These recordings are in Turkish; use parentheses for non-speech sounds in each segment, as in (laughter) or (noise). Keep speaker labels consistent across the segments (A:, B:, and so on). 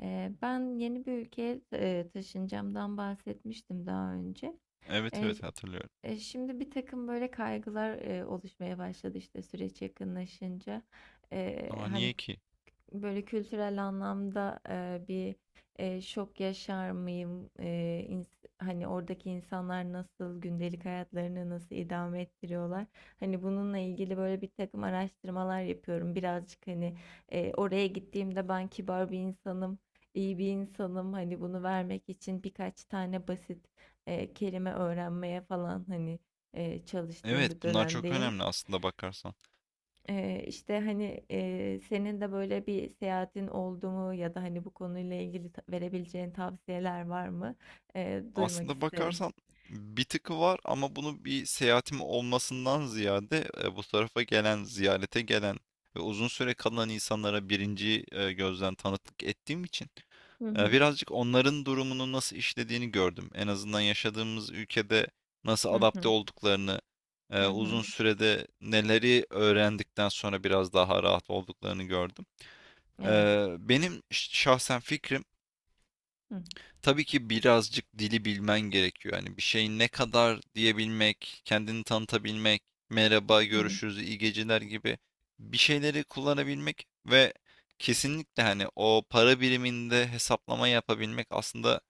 A: Ben yeni bir ülkeye taşınacağımdan bahsetmiştim daha önce.
B: Evet
A: E,
B: evet
A: ş-
B: hatırlıyorum.
A: Şimdi bir takım böyle kaygılar oluşmaya başladı işte süreç yakınlaşınca.
B: Aa
A: Hani
B: niye ki?
A: böyle kültürel anlamda bir şok yaşar mıyım? Hani oradaki insanlar nasıl, gündelik hayatlarını nasıl idame ettiriyorlar? Hani bununla ilgili böyle bir takım araştırmalar yapıyorum. Birazcık oraya gittiğimde ben kibar bir insanım, iyi bir insanım. Hani bunu vermek için birkaç tane basit kelime öğrenmeye falan, hani, çalıştığım
B: Evet,
A: bir
B: bunlar çok
A: dönemdeyim.
B: önemli aslında bakarsan.
A: İşte, hani, senin de böyle bir seyahatin oldu mu ya da, hani, bu konuyla ilgili ta verebileceğin tavsiyeler var mı? Duymak
B: Aslında
A: isterim.
B: bakarsan bir tıkı var ama bunu bir seyahatim olmasından ziyade bu tarafa gelen, ziyarete gelen ve uzun süre kalan insanlara birinci gözden tanıklık ettiğim için
A: Hı hı.
B: birazcık onların durumunu nasıl işlediğini gördüm. En azından yaşadığımız ülkede nasıl
A: Hı
B: adapte
A: hı.
B: olduklarını,
A: Hı hı.
B: uzun sürede neleri öğrendikten sonra biraz daha rahat olduklarını gördüm.
A: Evet.
B: Benim şahsen fikrim,
A: Hı.
B: tabii ki birazcık dili bilmen gerekiyor. Yani bir şeyi ne kadar diyebilmek, kendini tanıtabilmek,
A: Hı
B: merhaba,
A: hı.
B: görüşürüz, iyi geceler gibi bir şeyleri kullanabilmek ve kesinlikle hani o para biriminde hesaplama yapabilmek aslında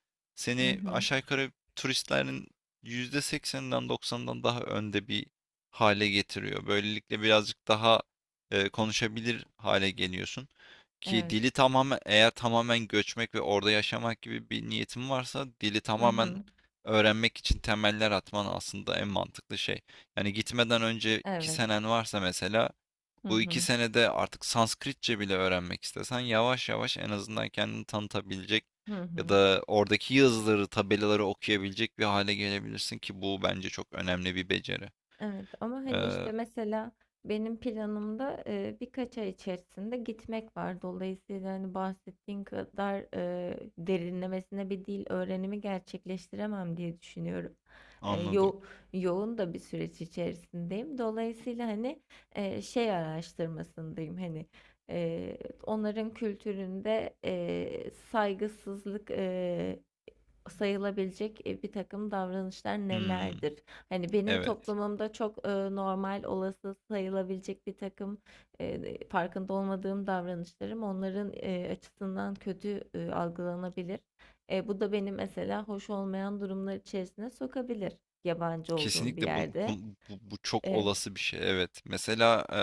A: Hı
B: seni
A: hı, hı.
B: aşağı yukarı turistlerin %80'inden doksanından daha önde bir hale getiriyor. Böylelikle birazcık daha konuşabilir hale geliyorsun. Ki
A: Evet.
B: dili tamamen eğer tamamen göçmek ve orada yaşamak gibi bir niyetin varsa dili
A: Hı
B: tamamen
A: hı.
B: öğrenmek için temeller atman aslında en mantıklı şey. Yani gitmeden önce iki
A: Evet.
B: senen varsa mesela
A: Hı
B: bu iki
A: hı.
B: senede artık Sanskritçe bile öğrenmek istesen yavaş yavaş en azından kendini tanıtabilecek
A: Hı
B: ya
A: hı.
B: da oradaki yazıları, tabelaları okuyabilecek bir hale gelebilirsin ki bu bence çok önemli bir beceri.
A: Evet ama hani
B: Ee,
A: işte mesela benim planımda birkaç ay içerisinde gitmek var. Dolayısıyla hani bahsettiğin kadar derinlemesine bir dil öğrenimi gerçekleştiremem diye düşünüyorum. E,
B: anladım.
A: yo Yoğun da bir süreç içerisindeyim. Dolayısıyla hani şey araştırmasındayım, hani, e, onların kültüründe saygısızlık sayılabilecek, bir takım davranışlar
B: Hmm,
A: nelerdir? Hani benim
B: evet.
A: toplumumda çok, normal, olası sayılabilecek birtakım, farkında olmadığım davranışlarım onların, açısından kötü, algılanabilir. Bu da beni mesela hoş olmayan durumlar içerisine sokabilir yabancı olduğum bir
B: Kesinlikle
A: yerde.
B: bu, bu çok
A: Eee,
B: olası bir şey. Evet. Mesela e,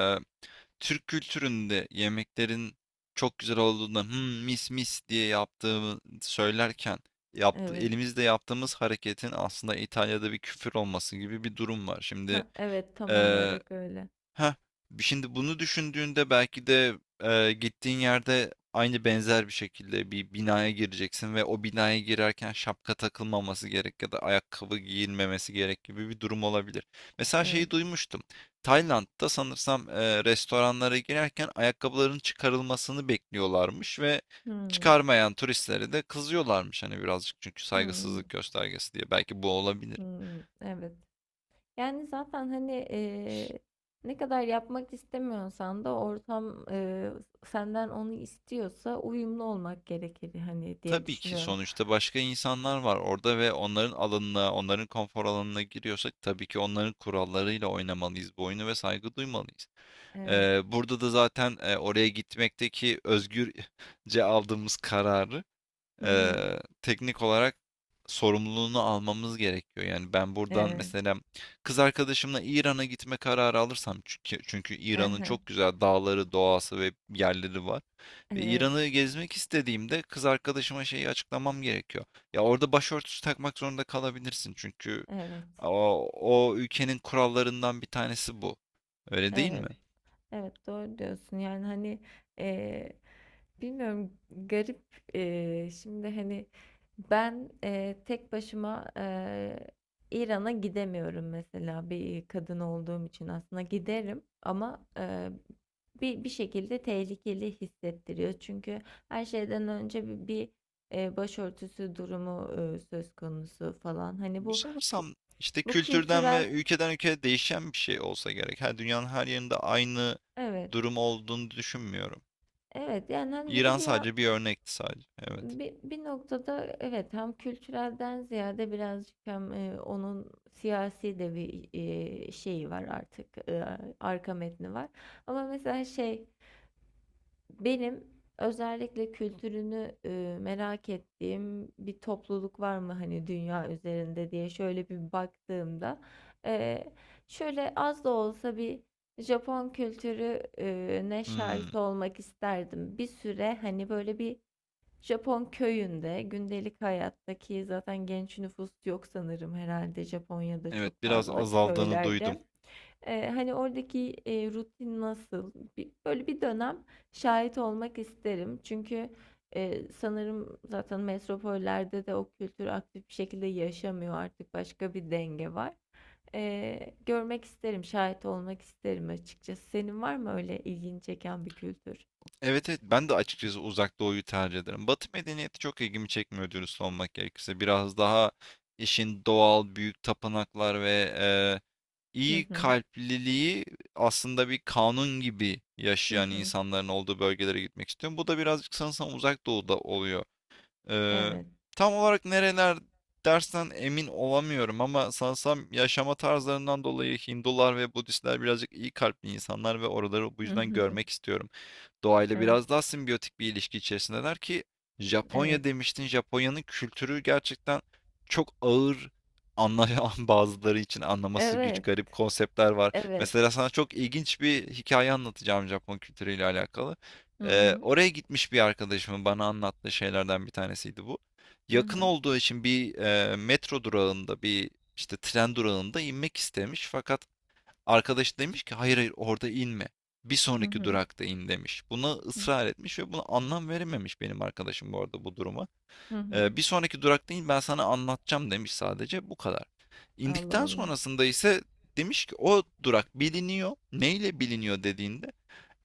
B: Türk kültüründe yemeklerin çok güzel olduğunda "Hmm, mis mis diye yaptığımı söylerken yaptı,
A: evet.
B: elimizde yaptığımız hareketin aslında İtalya'da bir küfür olması gibi bir durum var.
A: Hah, evet, tam olarak öyle.
B: Heh, şimdi bunu düşündüğünde belki de, gittiğin yerde aynı benzer bir şekilde bir binaya gireceksin ve o binaya girerken şapka takılmaması gerek ya da ayakkabı giyilmemesi gerek gibi bir durum olabilir. Mesela
A: Evet.
B: şeyi duymuştum. Tayland'da sanırsam, restoranlara girerken ayakkabıların çıkarılmasını bekliyorlarmış ve
A: Hımm.
B: çıkarmayan turistlere de kızıyorlarmış, hani, birazcık çünkü
A: Hımm.
B: saygısızlık göstergesi diye. Belki bu olabilir.
A: Hımm. Evet. Yani zaten hani ne kadar yapmak istemiyorsan da ortam, senden onu istiyorsa uyumlu olmak gerekir hani diye
B: Tabii ki
A: düşünüyorum.
B: sonuçta başka insanlar var orada ve onların alanına, onların konfor alanına giriyorsak tabii ki onların kurallarıyla oynamalıyız bu oyunu ve saygı duymalıyız.
A: Evet.
B: Burada da zaten oraya gitmekteki özgürce aldığımız kararı
A: Hı
B: e,
A: hı.
B: teknik olarak sorumluluğunu almamız gerekiyor. Yani ben buradan
A: Evet.
B: mesela kız arkadaşımla İran'a gitme kararı alırsam çünkü İran'ın
A: Aha.
B: çok güzel dağları, doğası ve yerleri var. Ve
A: Evet.
B: İran'ı gezmek istediğimde kız arkadaşıma şeyi açıklamam gerekiyor. Ya orada başörtüsü takmak zorunda kalabilirsin çünkü
A: Evet.
B: o ülkenin kurallarından bir tanesi bu. Öyle değil mi?
A: Evet. Evet. Doğru diyorsun. Yani hani, eee, bilmiyorum, garip. Şimdi hani ben, tek başıma, İran'a gidemiyorum mesela bir kadın olduğum için. Aslında giderim ama, bir şekilde tehlikeli hissettiriyor çünkü her şeyden önce bir başörtüsü durumu söz konusu falan, hani,
B: Bu
A: bu kü-
B: sanırsam işte
A: bu
B: kültürden ve
A: kültürel,
B: ülkeden ülkeye değişen bir şey olsa gerek. Her dünyanın her yerinde aynı
A: evet.
B: durum olduğunu düşünmüyorum.
A: Evet, yani hani bir de
B: İran
A: bir
B: sadece bir örnekti sadece. Evet.
A: bir noktada evet, hem kültürelden ziyade birazcık hem, onun siyasi de bir, şeyi var artık, arka metni var. Ama mesela şey, benim özellikle kültürünü, merak ettiğim bir topluluk var mı hani dünya üzerinde diye şöyle bir baktığımda, eee, şöyle az da olsa bir Japon kültürü ne
B: Hmm.
A: şahit olmak isterdim. Bir süre hani böyle bir Japon köyünde gündelik hayattaki... Zaten genç nüfus yok sanırım, herhalde Japonya'da
B: Evet,
A: çok
B: biraz
A: fazla
B: azaldığını duydum.
A: köylerde. Hani oradaki rutin nasıl? Böyle bir dönem şahit olmak isterim. Çünkü sanırım zaten metropollerde de o kültür aktif bir şekilde yaşamıyor artık, başka bir denge var. Görmek isterim, şahit olmak isterim açıkçası. Senin var mı öyle ilgini çeken bir kültür?
B: Evet evet, ben de açıkçası uzak doğuyu tercih ederim. Batı medeniyeti çok ilgimi çekmiyor dürüst olmak gerekirse. Biraz daha işin doğal büyük tapınaklar ve
A: Hı
B: iyi
A: hı.
B: kalpliliği aslında bir kanun gibi
A: Hı
B: yaşayan
A: hı.
B: insanların olduğu bölgelere gitmek istiyorum. Bu da birazcık sanırsam uzak doğuda oluyor. Eee,
A: Evet.
B: tam olarak nereler dersen emin olamıyorum ama sanırsam yaşama tarzlarından dolayı Hindular ve Budistler birazcık iyi kalpli insanlar ve oraları bu yüzden görmek
A: (laughs)
B: istiyorum. Doğayla
A: Evet.
B: biraz daha simbiyotik bir ilişki içerisindeler ki
A: Evet.
B: Japonya demiştin. Japonya'nın kültürü gerçekten çok ağır anlayan (laughs) bazıları için anlaması güç
A: Evet.
B: garip konseptler var.
A: Evet.
B: Mesela sana çok ilginç bir hikaye anlatacağım Japon kültürüyle alakalı.
A: Hı
B: Ee,
A: hı.
B: oraya gitmiş bir arkadaşımın bana anlattığı şeylerden bir tanesiydi bu.
A: Hı
B: Yakın
A: hı.
B: olduğu için bir metro durağında bir işte tren durağında inmek istemiş fakat arkadaşı demiş ki hayır hayır orada inme. Bir
A: Hı
B: sonraki
A: hı.
B: durakta in demiş. Buna ısrar etmiş ve buna anlam verememiş benim arkadaşım bu arada bu duruma.
A: Hı hı.
B: Bir sonraki durakta in ben sana anlatacağım demiş, sadece bu kadar.
A: Allah
B: İndikten
A: Allah.
B: sonrasında ise demiş ki o durak biliniyor. Neyle biliniyor dediğinde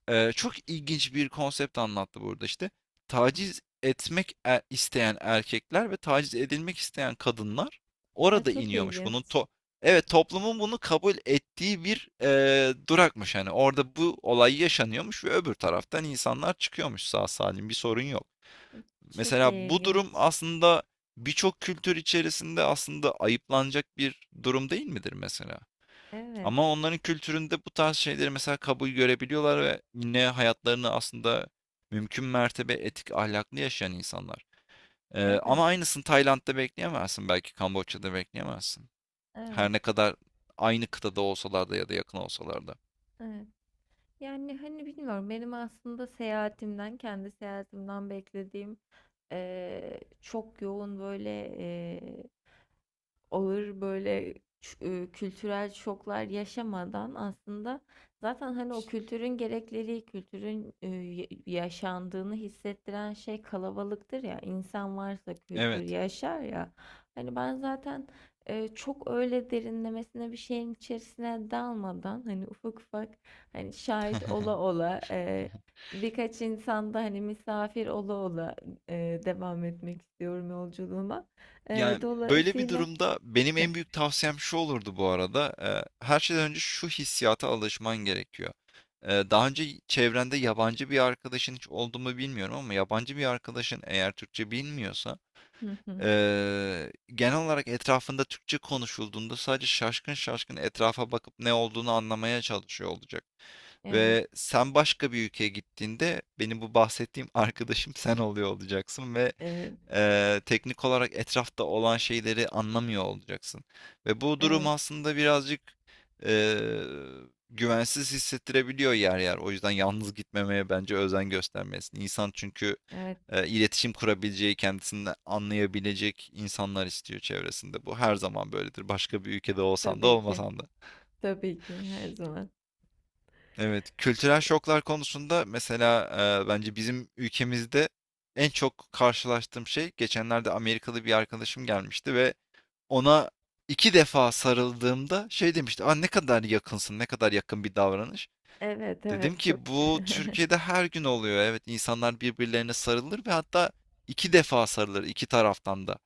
B: çok ilginç bir konsept anlattı burada işte. Taciz etmek isteyen erkekler ve taciz edilmek isteyen kadınlar
A: Ay,
B: orada
A: çok
B: iniyormuş.
A: ilginç.
B: Bunun to evet toplumun bunu kabul ettiği bir durakmış hani orada bu olay yaşanıyormuş ve öbür taraftan insanlar çıkıyormuş, sağ salim bir sorun yok.
A: Çok
B: Mesela bu durum
A: ilginç.
B: aslında birçok kültür içerisinde aslında ayıplanacak bir durum değil midir mesela?
A: Evet.
B: Ama onların kültüründe bu tarz şeyleri mesela kabul görebiliyorlar ve yine hayatlarını aslında mümkün mertebe etik, ahlaklı yaşayan insanlar. Eee,
A: Evet.
B: ama aynısını Tayland'da bekleyemezsin, belki Kamboçya'da bekleyemezsin.
A: Evet.
B: Her ne kadar aynı kıtada olsalar da ya da yakın olsalar da.
A: Evet. Yani hani bilmiyorum, benim aslında seyahatimden, kendi seyahatimden beklediğim, çok yoğun böyle, ağır böyle kültürel şoklar yaşamadan aslında, zaten hani o kültürün gerekleri, kültürün yaşandığını hissettiren şey kalabalıktır ya. İnsan varsa kültür
B: Evet.
A: yaşar ya. Hani ben zaten çok öyle derinlemesine bir şeyin içerisine dalmadan, hani ufak ufak, hani şahit ola
B: (laughs)
A: ola, birkaç insanda hani misafir ola ola, devam etmek istiyorum yolculuğuma.
B: Yani böyle bir
A: Dolayısıyla...
B: durumda benim en büyük tavsiyem şu olurdu bu arada. Her şeyden önce şu hissiyata alışman gerekiyor. Daha önce çevrende yabancı bir arkadaşın hiç oldu mu bilmiyorum ama yabancı bir arkadaşın eğer Türkçe bilmiyorsa
A: Hı hı.
B: genel olarak etrafında Türkçe konuşulduğunda sadece şaşkın şaşkın etrafa bakıp ne olduğunu anlamaya çalışıyor olacak.
A: Evet,
B: Ve sen başka bir ülkeye gittiğinde benim bu bahsettiğim (laughs) arkadaşım sen oluyor olacaksın ve
A: evet,
B: teknik olarak etrafta olan şeyleri anlamıyor olacaksın. Ve bu durum
A: evet,
B: aslında birazcık eee, güvensiz hissettirebiliyor yer yer. O yüzden yalnız gitmemeye bence özen göstermelisin. İnsan çünkü
A: evet.
B: iletişim kurabileceği, kendisini anlayabilecek insanlar istiyor çevresinde. Bu her zaman böyledir. Başka bir ülkede olsan da
A: Tabii ki,
B: olmasan da.
A: tabii ki her zaman.
B: Evet, kültürel şoklar konusunda mesela bence bizim ülkemizde en çok karşılaştığım şey geçenlerde Amerikalı bir arkadaşım gelmişti ve ona iki defa sarıldığımda şey demişti. Aa, ne kadar yakınsın, ne kadar yakın bir davranış.
A: Evet,
B: Dedim
A: evet, çok.
B: ki bu Türkiye'de her gün oluyor. Evet, insanlar birbirlerine sarılır ve hatta iki defa sarılır iki taraftan da.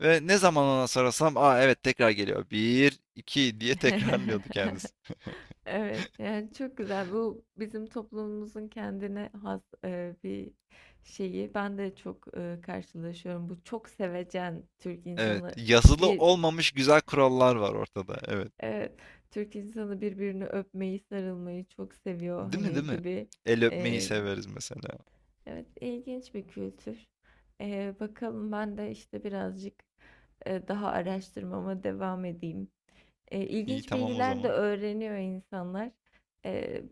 B: Ve ne zaman ona sarılsam, aa evet, tekrar geliyor. Bir, iki diye (laughs) tekrarlıyordu kendisi.
A: (laughs) Evet, yani çok güzel. Bu bizim toplumumuzun kendine has bir şeyi. Ben de çok karşılaşıyorum. Bu çok sevecen Türk
B: Evet,
A: insanı,
B: yazılı
A: bir,
B: olmamış güzel kurallar var ortada. Evet,
A: evet, Türk insanı birbirini öpmeyi, sarılmayı çok seviyor
B: değil mi değil
A: hani
B: mi?
A: gibi.
B: El öpmeyi severiz mesela.
A: Evet, ilginç bir kültür. Bakalım, ben de işte birazcık daha araştırmama devam edeyim. E,
B: İyi,
A: ilginç
B: tamam o
A: bilgiler de
B: zaman.
A: öğreniyor insanlar. E,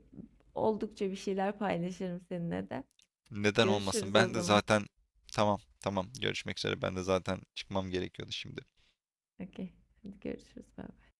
A: oldukça bir şeyler paylaşırım seninle de.
B: Neden olmasın?
A: Görüşürüz o
B: Ben de
A: zaman.
B: zaten tamam tamam, görüşmek üzere. Ben de zaten çıkmam gerekiyordu şimdi.
A: Okey. Hadi görüşürüz. Bye.